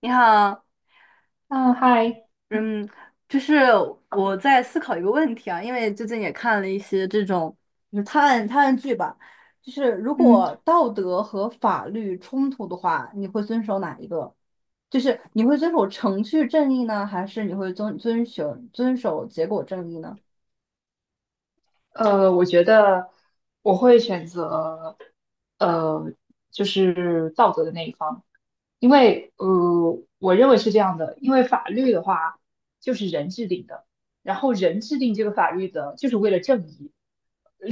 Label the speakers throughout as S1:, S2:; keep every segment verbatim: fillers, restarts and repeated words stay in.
S1: 你好。
S2: 嗯，嗨，嗯，
S1: 嗯，就是我在思考一个问题啊，因为最近也看了一些这种就是探案探案剧吧，就是如
S2: 嗯
S1: 果道德和法律冲突的话，你会遵守哪一个？就是你会遵守程序正义呢，还是你会遵遵守遵守结果正义呢？
S2: 呃，我觉得我会选择，呃，就是道德的那一方。因为呃，我认为是这样的。因为法律的话就是人制定的，然后人制定这个法律的，就是为了正义。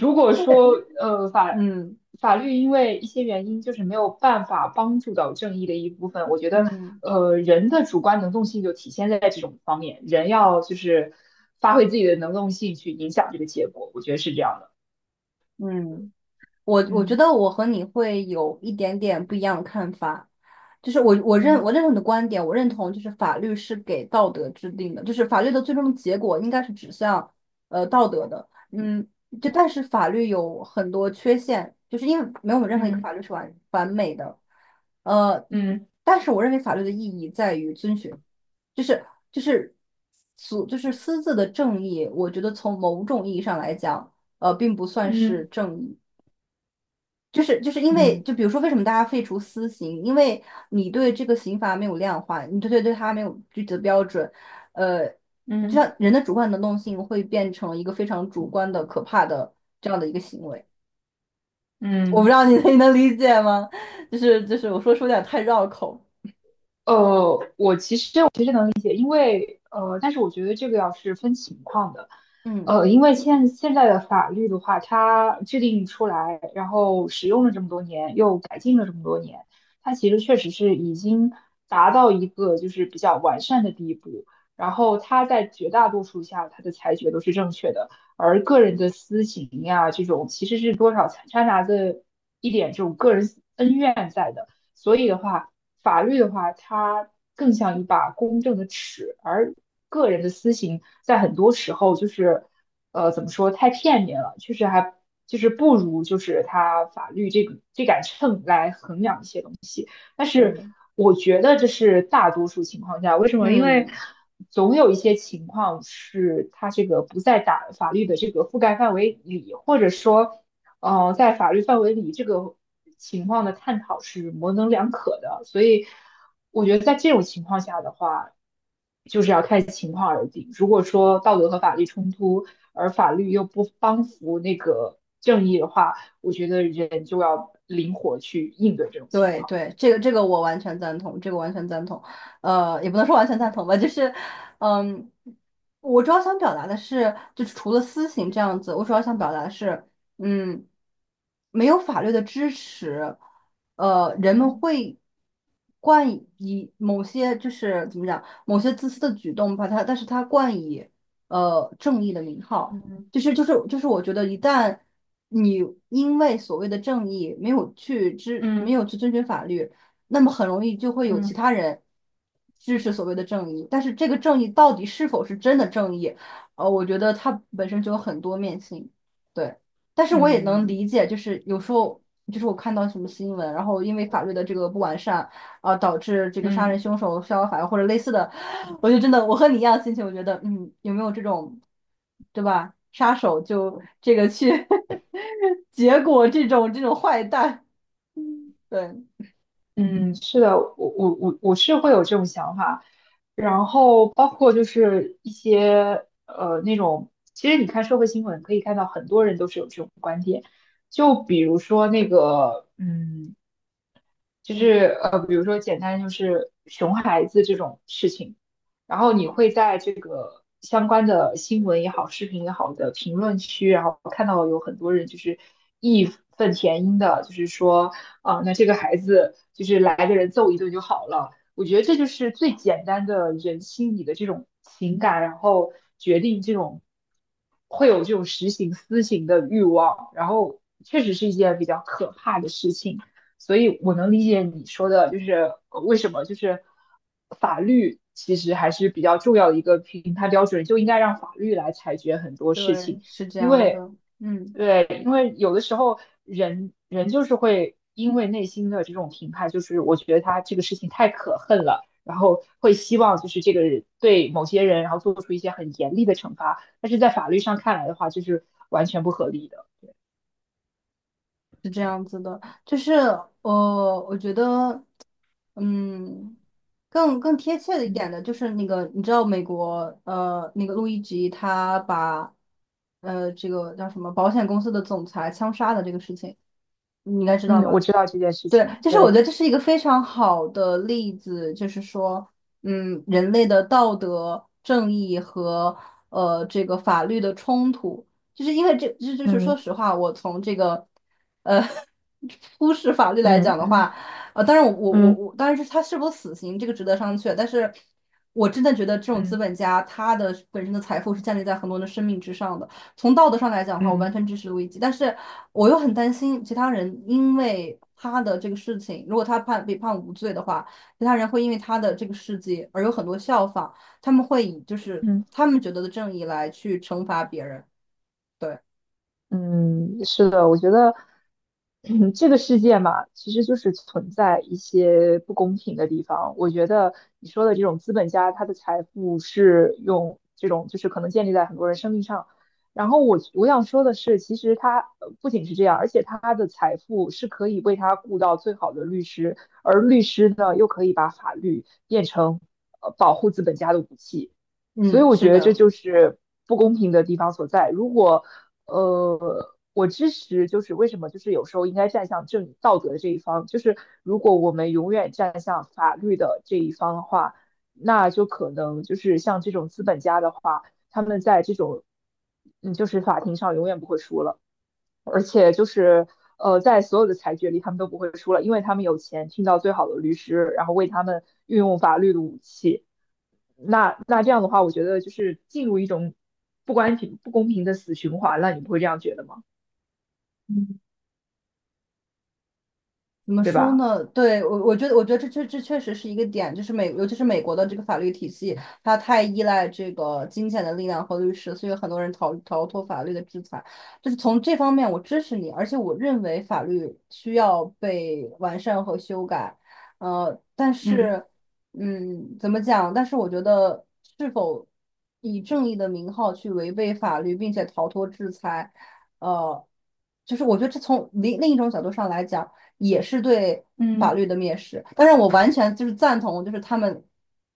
S2: 如果
S1: 对。
S2: 说呃法
S1: 嗯
S2: 法律因为一些原因就是没有办法帮助到正义的一部分，我觉得
S1: 嗯
S2: 呃人的主观能动性就体现在这种方面。人要就是发挥自己的能动性去影响这个结果，我觉得是这样的。
S1: 嗯。我我觉
S2: 嗯
S1: 得我和你会有一点点不一样的看法，就是我我认
S2: 嗯
S1: 我认同你的观点，我认同就是法律是给道德制定的，就是法律的最终的结果应该是指向呃道德的。嗯，就但是法律有很多缺陷，就是因为没有任何一个
S2: 嗯
S1: 法律是完完美的。呃，
S2: 嗯
S1: 但是我认为法律的意义在于遵循，就是就是俗就是私自的正义，我觉得从某种意义上来讲。呃，并不算是
S2: 嗯
S1: 正义。就是就是因
S2: 嗯
S1: 为，
S2: 嗯
S1: 就比如说，为什么大家废除私刑？因为你对这个刑罚没有量化，你对对对它没有具体的标准。呃，就
S2: 嗯
S1: 像人的主观能动性会变成一个非常主观的、可怕的这样的一个行为。我不知
S2: 嗯。
S1: 道你 能你能理解吗？就是就是，我说说有点太绕口。
S2: 呃，呃，但是我觉得这个要是分情况的。
S1: 嗯。
S2: 呃，因为现现在的法律的话，它制定出来，然后使用了这么多年，又改进了这么多年，它其实确实是已经达到一个就是比较完善的地步。然后它在绝大多数下，它的裁决都是正确的。而个人的私情呀，这种其实是多少掺掺杂着一点这种个人恩怨在的。所以的话，法律的话，它更像一把公正的尺，而个人的私刑在很多时候就是，呃，怎么说，太片面了。确实还就是不如就是它法律这个这杆秤来衡量一些东西。但是
S1: 对。
S2: 我觉得这是大多数情况下。为什么？因为
S1: 嗯。
S2: 总有一些情况是它这个不在打法律的这个覆盖范围里，或者说呃，在法律范围里，这个情况的探讨是模棱两可的。所以我觉得在这种情况下的话，就是要看情况而定。如果说道德和法律冲突，而法律又不帮扶那个正义的话，我觉得人就要灵活去应对这种情
S1: 对
S2: 况。
S1: 对，这个这个我完全赞同，这个完全赞同。呃，也不能说完全赞
S2: 嗯
S1: 同吧，就是，嗯，我主要想表达的是，就是除了私刑这样子，我主要想表达的是，嗯，没有法律的支持。呃，人们
S2: 嗯
S1: 会冠以某些就是怎么讲，某些自私的举动，把它，但是它冠以呃正义的名号。
S2: 嗯
S1: 就是就是就是，我觉得一旦你因为所谓的正义没有去知，没
S2: 嗯
S1: 有去遵循法律，那么很容易就会有其
S2: 嗯
S1: 他人支持所谓的正义。但是这个正义到底是否是真的正义？呃，我觉得它本身就有很多面性。对，但是
S2: 嗯
S1: 我也能
S2: 嗯。
S1: 理解，就是有时候就是我看到什么新闻，然后因为法律的这个不完善。啊、导致这个杀
S2: 嗯
S1: 人凶手逍遥法外或者类似的，我就真的我和你一样的心情，我觉得嗯，有没有这种，对吧？杀手就这个去 结果这种这种坏蛋，对。
S2: 嗯，是的。我我我我是会有这种想法。然后包括就是一些呃那种，其实你看社会新闻可以看到很多人都是有这种观点。就比如说那个嗯就
S1: 嗯
S2: 是呃，比如说简单就是熊孩子这种事情。然后你
S1: 嗯。
S2: 会在这个相关的新闻也好、视频也好的评论区，然后看到有很多人就是义愤填膺的，就是说啊、那这个孩子就是来个人揍一顿就好了。我觉得这就是最简单的人心里的这种情感，然后决定这种会有这种实行私刑的欲望。然后确实是一件比较可怕的事情。所以我能理解你说的，就是呃为什么就是法律其实还是比较重要的一个评判标准，就应该让法律来裁决很多事
S1: 对。
S2: 情，
S1: 是这
S2: 因
S1: 样
S2: 为
S1: 的。嗯，
S2: 对。因为有的时候人人就是会因为内心的这种评判，就是我觉得他这个事情太可恨了，然后会希望就是这个人对某些人，然后做出一些很严厉的惩罚，但是在法律上看来的话，就是完全不合理的。
S1: 是这样子的，就是呃，我觉得。嗯。更更贴切的一
S2: 嗯
S1: 点的就是那个，你知道美国呃那个路易吉他把呃这个叫什么保险公司的总裁枪杀的这个事情，你应该知道
S2: 嗯，我
S1: 吧？
S2: 知道这件事
S1: 对，
S2: 情。
S1: 就是我
S2: 对。
S1: 觉得这是一个非常好的例子。就是说，嗯，人类的道德、正义和呃这个法律的冲突。就是因为这，这就是说
S2: 嗯。
S1: 实话，我从这个呃 忽视法律来
S2: 嗯
S1: 讲的
S2: 嗯
S1: 话。呃，当然我我我
S2: 嗯
S1: 我，当然是他是否死刑这个值得商榷，但是我真的觉得这种资
S2: 嗯
S1: 本家他的本身的财富是建立在很多人的生命之上的。从道德上来讲的话，我
S2: 嗯
S1: 完全支持路易吉，但是我又很担心其他人，因为他的这个事情，如果他判被判无罪的话，其他人会因为他的这个事迹而有很多效仿，他们会以就是
S2: 嗯，
S1: 他们觉得的正义来去惩罚别人。对。
S2: 嗯，是的，我觉得，嗯这个世界嘛，其实就是存在一些不公平的地方。我觉得你说的这种资本家，他的财富是用这种，就是可能建立在很多人生命上。然后我我想说的是，其实他呃不仅是这样，而且他的财富是可以为他雇到最好的律师，而律师呢，又可以把法律变成呃保护资本家的武器。所以
S1: 嗯。
S2: 我
S1: 是
S2: 觉得这
S1: 的。
S2: 就是不公平的地方所在。如果呃，我支持，就是为什么，就是有时候应该站向正道德的这一方。就是如果我们永远站向法律的这一方的话，那就可能就是像这种资本家的话，他们在这种嗯，就是法庭上永远不会输了。而且就是呃，在所有的裁决里，他们都不会输了，因为他们有钱，听到最好的律师，然后为他们运用法律的武器。那那这样的话，我觉得就是进入一种不公平不公平的死循环了，你不会这样觉得吗？
S1: 怎么
S2: 对
S1: 说
S2: 吧？
S1: 呢？对，我，我觉得，我觉得这确这确实是一个点，就是美，尤其是美国的这个法律体系，它太依赖这个金钱的力量和律师，所以很多人逃逃脱法律的制裁。就是从这方面，我支持你，而且我认为法律需要被完善和修改。呃，但
S2: 嗯
S1: 是，嗯，怎么讲？但是我觉得，是否以正义的名号去违背法律，并且逃脱制裁，呃，就是我觉得这从另另一种角度上来讲。也是对法
S2: 嗯
S1: 律的蔑视。但是我完全就是赞同，就是他们，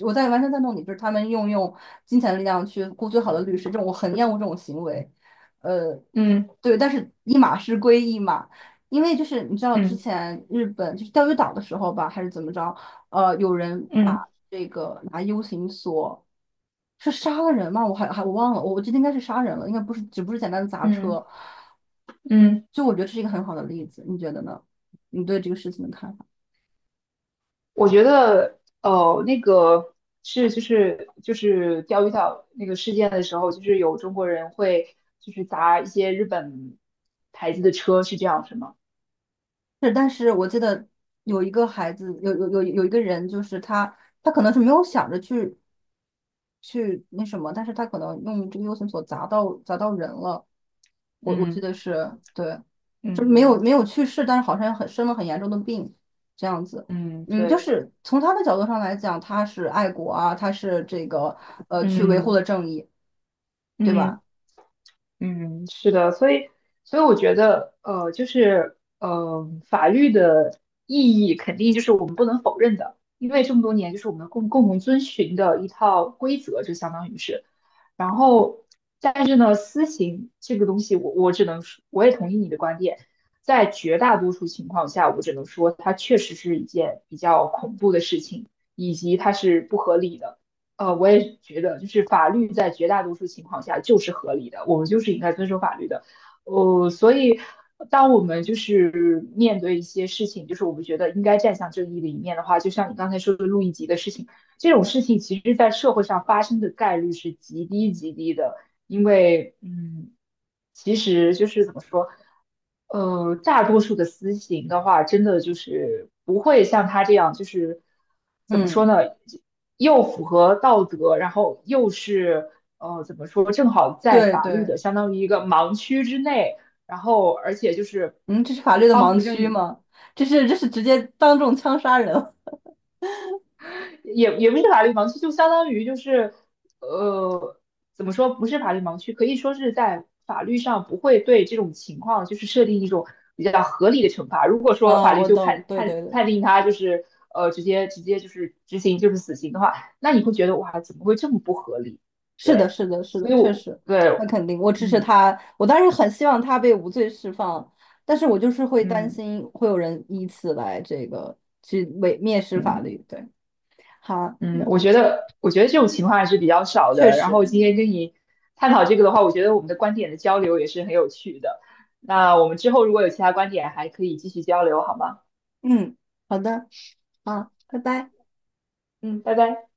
S1: 我在完全赞同你，就是他们用用金钱的力量去雇最好的律师，这种我很厌恶这种行为。呃，
S2: 嗯
S1: 对，但是一码事归一码。因为就是你知道之
S2: 嗯
S1: 前日本就是钓鱼岛的时候吧，还是怎么着，呃，有人
S2: 嗯嗯
S1: 把这个拿 U 型锁。是杀了人吗？我还还我忘了，我我记得应该是杀人了，应该不是，只不是简单的砸
S2: 嗯。嗯
S1: 车。
S2: 嗯嗯
S1: 就我觉得这是一个很好的例子，你觉得呢？你对这个事情的看法。
S2: 我觉得，呃，那个是就是就是钓鱼岛那个事件的时候，就是有中国人会就是砸一些日本牌子的车，是这样是吗？
S1: 是，但是我记得有一个孩子，有有有有一个人，就是他，他可能是没有想着去去那什么，但是他可能用这个 U 型锁砸到砸到人了。我我记
S2: 嗯
S1: 得是对。就是没
S2: 嗯
S1: 有没有去世，但是好像很生了很严重的病这样子。
S2: 嗯，
S1: 嗯。就
S2: 对。
S1: 是从他的角度上来讲，他是爱国啊，他是这个呃
S2: 嗯
S1: 去维护
S2: 嗯。
S1: 了正义，对
S2: 嗯。
S1: 吧？
S2: 嗯，是的。所以，所以我觉得，呃，就是，呃，法律的意义肯定就是我们不能否认的，因为这么多年就是我们共共同遵循的一套规则，就相当于是。然后，但是呢，私刑这个东西我，我只能说，我也同意你的观点。在绝大多数情况下，我只能说它确实是一件比较恐怖的事情，以及它是不合理的。呃，我也觉得，就是法律在绝大多数情况下就是合理的，我们就是应该遵守法律的。呃，所以当我们就是面对一些事情，就是我们觉得应该站向正义的一面的话，就像你刚才说的路易吉的事情，这种事情其实在社会上发生的概率是极低极低的。因为嗯，其实就是怎么说，呃，大多数的私刑的话，真的就是不会像他这样，就是怎么说
S1: 嗯。
S2: 呢，又符合道德，然后又是呃怎么说，正好在
S1: 对
S2: 法律
S1: 对。
S2: 的相当于一个盲区之内，然后而且就是
S1: 嗯，这是法律的
S2: 帮
S1: 盲
S2: 扶正
S1: 区
S2: 义。
S1: 吗？这是这是直接当众枪杀人
S2: 也也不是法律盲区，就相当于就是呃，怎么说，不是法律盲区，可以说是在法律上不会对这种情况就是设定一种比较合理的惩罚。如果 说法
S1: 啊！
S2: 律
S1: 我
S2: 就
S1: 懂。
S2: 判
S1: 对
S2: 判
S1: 对对。
S2: 判定他就是呃直接直接就是执行就是死刑的话，那你会觉得哇，怎么会这么不合理？
S1: 是的。
S2: 对，
S1: 是的。是
S2: 所
S1: 的。
S2: 以
S1: 确
S2: 我
S1: 实。
S2: 对。
S1: 那肯定，我支持
S2: 嗯
S1: 他。我当时很希望他被无罪释放，但是我就是会担
S2: 嗯
S1: 心会有人以此来这个去伪蔑视法
S2: 嗯。
S1: 律。对。好。
S2: 嗯，
S1: 嗯。
S2: 我觉得，我觉得这种情况还是比较少
S1: 确
S2: 的。然
S1: 实。
S2: 后今天跟你探讨这个的话，我觉得我们的观点的交流也是很有趣的。那我们之后如果有其他观点，还可以继续交流，好吗？
S1: 嗯。好的。好，拜拜。
S2: 嗯，拜拜。